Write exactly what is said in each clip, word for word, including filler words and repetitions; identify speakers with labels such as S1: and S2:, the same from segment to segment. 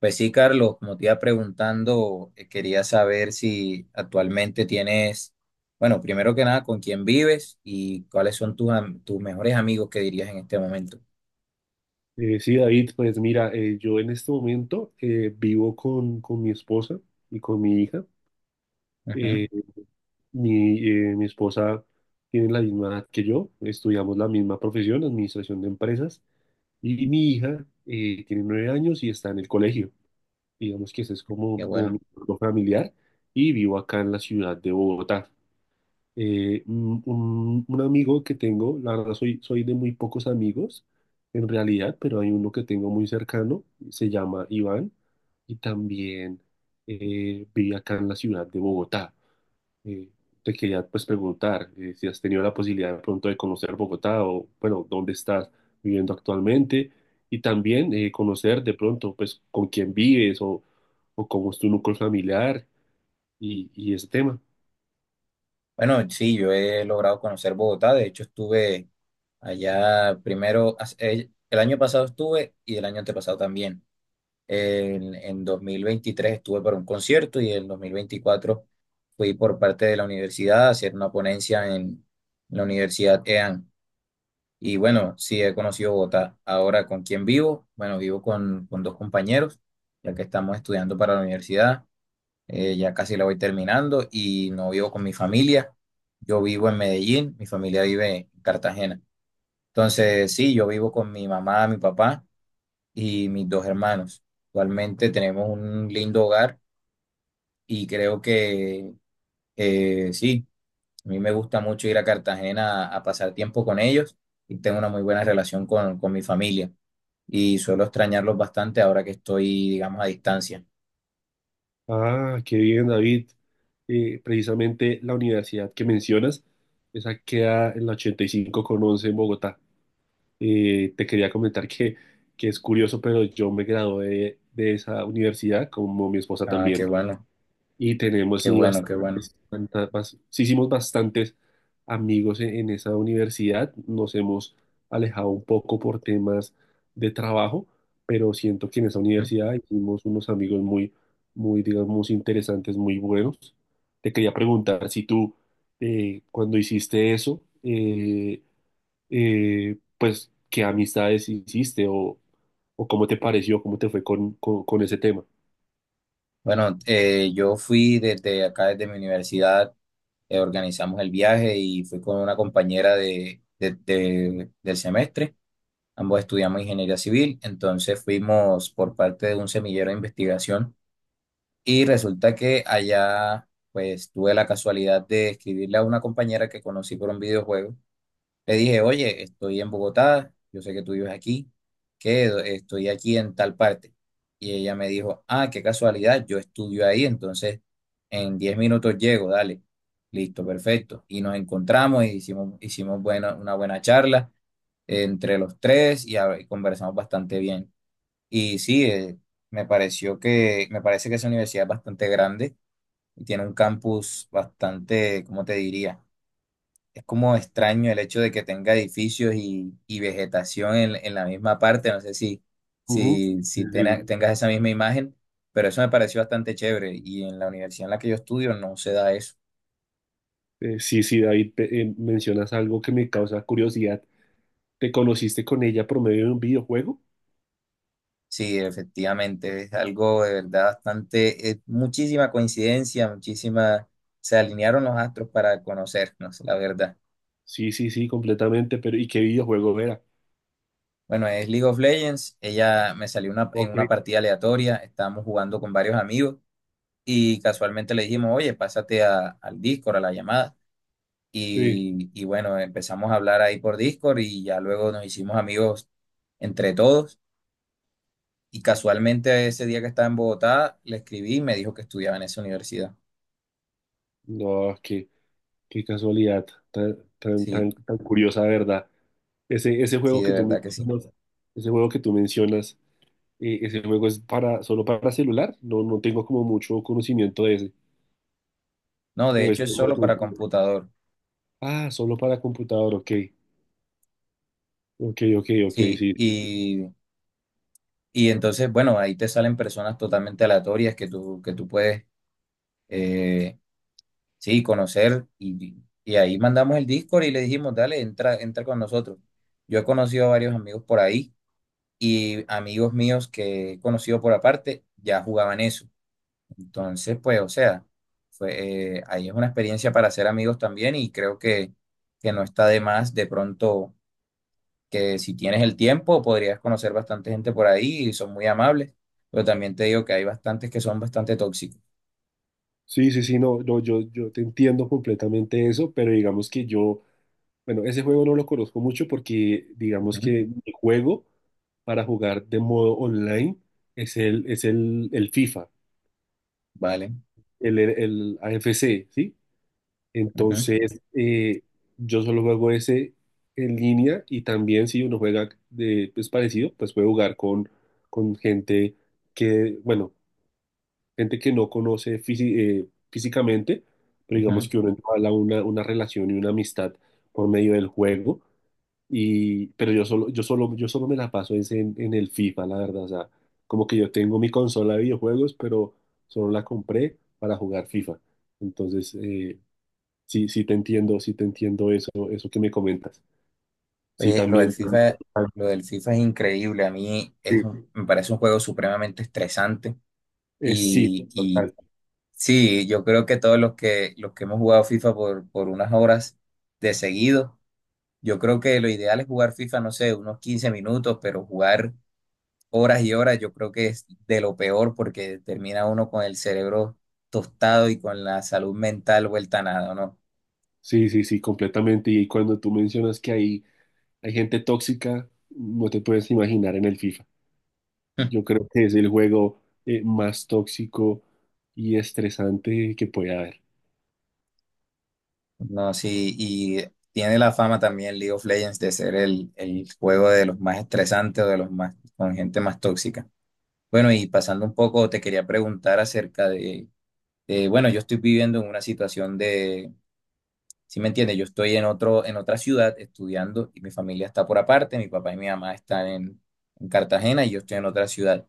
S1: Pues sí, Carlos, como te iba preguntando, eh, quería saber si actualmente tienes, bueno, primero que nada, con quién vives y cuáles son tus, am- tus mejores amigos que dirías en este momento.
S2: Eh, sí, David, pues mira, eh, yo en este momento eh, vivo con, con mi esposa y con mi hija.
S1: Ujú.
S2: Eh, mi, eh, Mi esposa tiene la misma edad que yo, estudiamos la misma profesión, administración de empresas, y mi hija eh, tiene nueve años y está en el colegio. Digamos que ese es como,
S1: Qué
S2: como mi
S1: bueno.
S2: grupo familiar y vivo acá en la ciudad de Bogotá. Eh, un, un- un amigo que tengo, la verdad soy, soy de muy pocos amigos en realidad, pero hay uno que tengo muy cercano, se llama Iván y también eh, vive acá en la ciudad de Bogotá. Eh, Te quería pues preguntar eh, si has tenido la posibilidad de pronto de conocer Bogotá o bueno, dónde estás viviendo actualmente y también eh, conocer de pronto pues con quién vives o, o cómo es tu núcleo familiar y, y ese tema.
S1: Bueno, sí, yo he logrado conocer Bogotá, de hecho estuve allá primero, hace- el el año pasado estuve y el año antepasado también. En, en dos mil veintitrés estuve para un concierto y en dos mil veinticuatro fui por parte de la universidad a hacer una ponencia en la Universidad E A N. Y bueno, sí he conocido Bogotá. Ahora, ¿con quién vivo? Bueno, vivo con, con dos compañeros, ya que estamos estudiando para la universidad. Eh, ya casi la voy terminando y no vivo con mi familia. Yo vivo en Medellín, mi familia vive en Cartagena. Entonces, sí, yo vivo con mi mamá, mi papá y mis dos hermanos. Actualmente tenemos un lindo hogar y creo que eh, sí, a mí me gusta mucho ir a Cartagena a, a pasar tiempo con ellos y tengo una muy buena relación con, con mi familia y suelo extrañarlos bastante ahora que estoy, digamos, a distancia.
S2: Ah, qué bien, David. Eh, precisamente la universidad que mencionas, esa queda en la ochenta y cinco con once en Bogotá. Eh, te quería comentar que, que es curioso, pero yo me gradué de, de esa universidad, como mi esposa
S1: Ah, qué
S2: también,
S1: bueno,
S2: y tenemos
S1: qué
S2: sí,
S1: bueno, qué bueno.
S2: Banta- bas- sí hicimos bastantes amigos en, en esa universidad, nos hemos alejado un poco por temas de trabajo, pero siento que en esa
S1: ¿Eh?
S2: universidad hicimos unos amigos muy, muy, digamos, interesantes, muy buenos. Te quería preguntar si tú, eh, cuando hiciste eso, eh, eh, pues, ¿qué amistades hiciste o, o cómo te pareció, cómo te fue con, con, con ese tema?
S1: Bueno, eh, yo fui desde acá, desde mi universidad, eh, organizamos el viaje y fui con una compañera de, de- de- del semestre. Ambos estudiamos ingeniería civil, entonces fuimos por parte de un semillero de investigación y resulta que allá pues tuve la casualidad de escribirle a una compañera que conocí por un videojuego. Le dije, oye, estoy en Bogotá, yo sé que tú vives aquí, que estoy aquí en tal parte. Y ella me dijo, ah, qué casualidad, yo estudio ahí, entonces en diez minutos llego, dale. Listo, perfecto. Y nos encontramos y hicimos, hicimos buena, una buena charla entre los tres y, hab- y conversamos bastante bien. Y sí, eh, me pareció que, me parece que esa universidad es bastante grande y tiene un campus bastante, ¿cómo te diría? Es como extraño el hecho de que tenga edificios y, y vegetación en, en la misma parte. No sé si,
S2: Ujú.
S1: si, si tena- ¿Tengas esa misma imagen? Pero eso me pareció bastante chévere. Y en la universidad en la que yo estudio no se da eso.
S2: Eh, sí, sí, David, pe- eh, mencionas algo que me causa curiosidad. ¿Te conociste con ella por medio de un videojuego?
S1: Sí, efectivamente, es algo de verdad bastante, eh, muchísima coincidencia, muchísima, se alinearon los astros para conocernos, la verdad.
S2: Sí, sí, sí, completamente, pero ¿y qué videojuego era?
S1: Bueno, es League of Legends, ella me salió una, en
S2: Ok.
S1: una partida aleatoria, estábamos jugando con varios amigos. Y casualmente le dijimos, oye, pásate a- al Discord, a la llamada.
S2: Sí.
S1: Y, y bueno, empezamos a hablar ahí por Discord y ya luego nos hicimos amigos entre todos. Y casualmente ese día que estaba en Bogotá, le escribí y me dijo que estudiaba en esa universidad.
S2: No, qué, qué casualidad, tan, tan, tan,
S1: Sí,
S2: tan curiosa, ¿verdad? Ese, ese
S1: sí,
S2: juego
S1: de
S2: que tú
S1: verdad que sí.
S2: mencionas, ese juego que tú mencionas, eh, ese juego es para, solo para celular, no, no tengo como mucho conocimiento de ese.
S1: No,
S2: O
S1: de hecho es
S2: ese-
S1: sí,
S2: o
S1: solo para
S2: ese-
S1: computador.
S2: Ah, solo para computador, ok. Ok, ok, ok,
S1: Sí,
S2: sí.
S1: y, y entonces, bueno, ahí te salen personas totalmente aleatorias que tú, que tú puedes, eh, sí, conocer y, y ahí mandamos el Discord y le dijimos, dale, entra, entra con nosotros. Yo he conocido a varios amigos por ahí y amigos míos que he conocido por aparte ya jugaban eso. Entonces, pues, o sea, fue, eh, ahí es una experiencia para hacer amigos también y creo que, que no está de más de pronto que si tienes el tiempo podrías conocer bastante gente por ahí y son muy amables, pero también te digo que hay bastantes que son bastante tóxicos.
S2: Sí, sí, sí, no, no, yo, yo te entiendo completamente eso, pero digamos que yo, bueno, ese juego no lo conozco mucho porque digamos
S1: Ujú.
S2: que mi juego para jugar de modo online es el, es el, el FIFA,
S1: Vale.
S2: el, el, el A F C, ¿sí?
S1: Ujú,
S2: Entonces, eh, yo solo juego ese en línea y también si uno juega de, pues, parecido, pues puede jugar con, con gente que, bueno, gente que no conoce fisi- eh, físicamente, pero digamos
S1: ujú.
S2: que uno entabla una, una relación y una amistad por medio del juego. Y pero yo solo, yo solo, yo solo me la paso es en, en el FIFA, la verdad. O sea, como que yo tengo mi consola de videojuegos, pero solo la compré para jugar FIFA. Entonces, eh, sí, sí te entiendo, sí te entiendo eso, eso que me comentas. Sí,
S1: Oye, lo del
S2: también.
S1: FIFA, lo del FIFA es increíble. A mí
S2: Sí,
S1: es un- me parece un juego supremamente estresante.
S2: es sí,
S1: Y, y
S2: total.
S1: sí, yo creo que todos los que, los que hemos jugado FIFA por, por unas horas de seguido, yo creo que lo ideal es jugar FIFA, no sé, unos quince minutos, pero jugar horas y horas, yo creo que es de lo peor porque termina uno con el cerebro tostado y con la salud mental vuelta a nada, ¿no?
S2: Sí, sí, sí, completamente. Y cuando tú mencionas que hay hay gente tóxica, no te puedes imaginar en el FIFA. Yo creo que es el juego eh, más tóxico y estresante que puede haber.
S1: No, sí, y tiene la fama también League of Legends de ser el, el juego de los más estresantes o de los más con gente más tóxica. Bueno, y pasando un poco, te quería preguntar acerca de, de, bueno, yo estoy viviendo en una situación de, si me entiendes, yo estoy en otro, en otra ciudad estudiando y mi familia está por aparte, mi papá y mi mamá están en, en Cartagena y yo estoy en otra ciudad,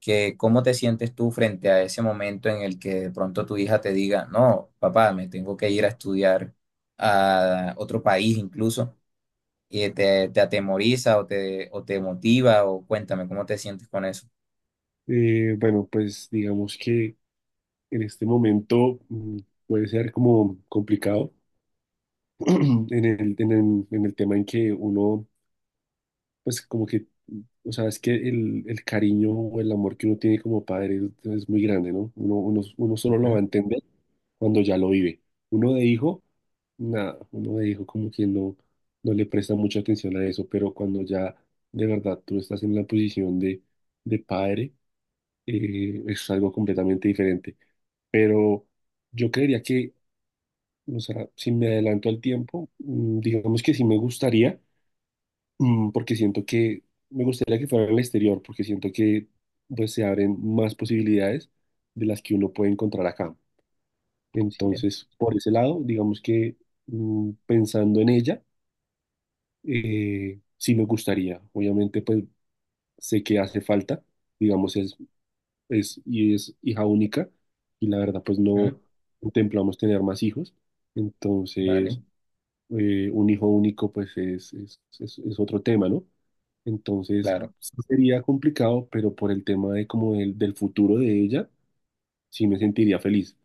S1: que cómo te sientes tú frente a ese momento en el que de pronto tu hija te diga, no, papá, me tengo que ir a estudiar a otro país incluso, y te, te atemoriza o te, o te motiva, o cuéntame cómo te sientes con eso.
S2: Eh, bueno, pues digamos que en este momento mm, puede ser como complicado en el, en el, en el tema en que uno, pues como que o sea, es que el, el cariño o el amor que uno tiene como padre es, es muy grande, ¿no? Uno, uno, uno solo lo va a
S1: Ujú,
S2: entender cuando ya lo vive. Uno de hijo, nada, uno de hijo como que no, no le presta mucha atención a eso, pero cuando ya de verdad tú estás en la posición de, de padre, eh, es algo completamente diferente. Pero yo creería que, o sea, si me adelanto al tiempo, mm, digamos que sí me gustaría. Mm, porque siento que me gustaría que fuera en el exterior, porque siento que pues se abren más posibilidades de las que uno puede encontrar acá.
S1: sí,
S2: Entonces, por ese lado, digamos que mm, pensando en ella, eh, sí me gustaría. Obviamente, pues sé que hace falta, digamos, es, es, y es hija única, y la verdad, pues no
S1: ujú,
S2: contemplamos tener más hijos. Entonces,
S1: vale,
S2: eh, un hijo único, pues es, es, es- es otro tema, ¿no? Entonces,
S1: claro,
S2: sí sería complicado, pero por el tema de como del, del futuro de ella, sí me sentiría feliz.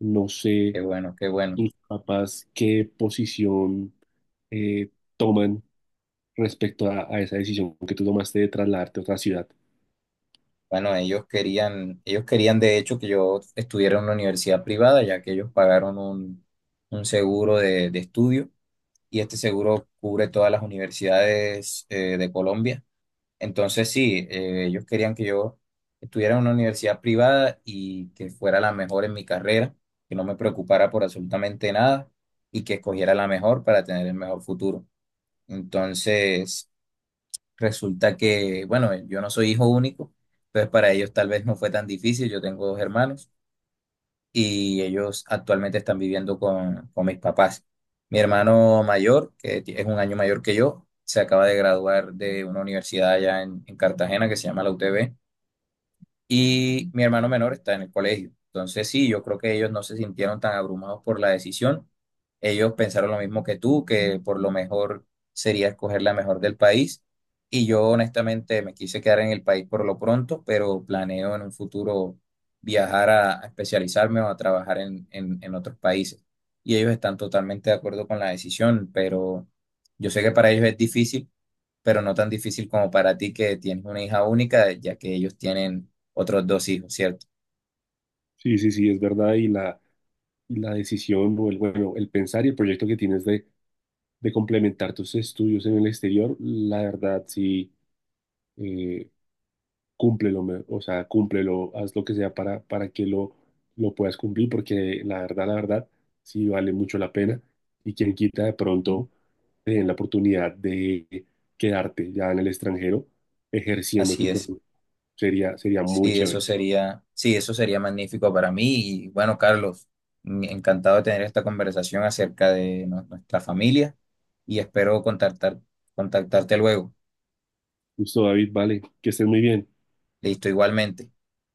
S2: No
S1: qué
S2: sé
S1: bueno, qué bueno.
S2: tus papás qué posición eh, toman respecto a, a esa decisión que tú tomaste de trasladarte a otra ciudad.
S1: Bueno, ellos querían, ellos querían de hecho que yo estuviera en una universidad privada, ya que ellos pagaron un, un seguro de, de estudio. Y este seguro cubre todas las universidades, eh, de Colombia. Entonces, sí, eh, ellos querían que yo estuviera en una universidad privada y que fuera la mejor en mi carrera, que no me preocupara por absolutamente nada y que escogiera la mejor para tener el mejor futuro. Entonces, resulta que, bueno, yo no soy hijo único, entonces para ellos tal vez no fue tan difícil, yo tengo dos hermanos y ellos actualmente están viviendo con, con mis papás. Mi hermano mayor, que ti- es un año mayor que yo, se acaba de graduar de una universidad allá en, en Cartagena que se llama la U T B, y mi hermano menor está en el colegio. Entonces, sí, yo creo que ellos no se sintieron tan abrumados por la decisión. Ellos pensaron lo mismo que tú, que por lo mejor sería escoger la mejor del país. Y yo honestamente me quise quedar en el país por lo pronto, pero planeo en un futuro viajar a, a especializarme o a trabajar en, en, en otros países. Y ellos están totalmente de acuerdo con la decisión, pero yo sé que para ellos es difícil, pero no tan difícil como para ti que tienes una hija única, ya que ellos tienen otros dos hijos, ¿cierto?
S2: Sí, sí, sí, es verdad. Y la, y la decisión, o el, bueno, el pensar y el proyecto que tienes de, de complementar tus estudios en el exterior, la verdad, sí eh, cúmplelo, me- o sea, cúmplelo, haz lo que sea para, para que lo, lo puedas cumplir, porque la verdad, la verdad, sí vale mucho la pena. Y quien quita de
S1: ¿Mm?
S2: pronto te den la oportunidad de quedarte ya en el extranjero ejerciendo
S1: Así
S2: tu
S1: es.
S2: profesión. Sería, sería muy
S1: Sí, eso
S2: chévere.
S1: sería, sí, eso sería magnífico para mí. Y bueno, Carlos, mm, encantado de tener esta conversación acerca de nu- nuestra familia y espero contactar, contactarte luego.
S2: Listo, David, vale, que estés muy bien.
S1: Listo, igualmente.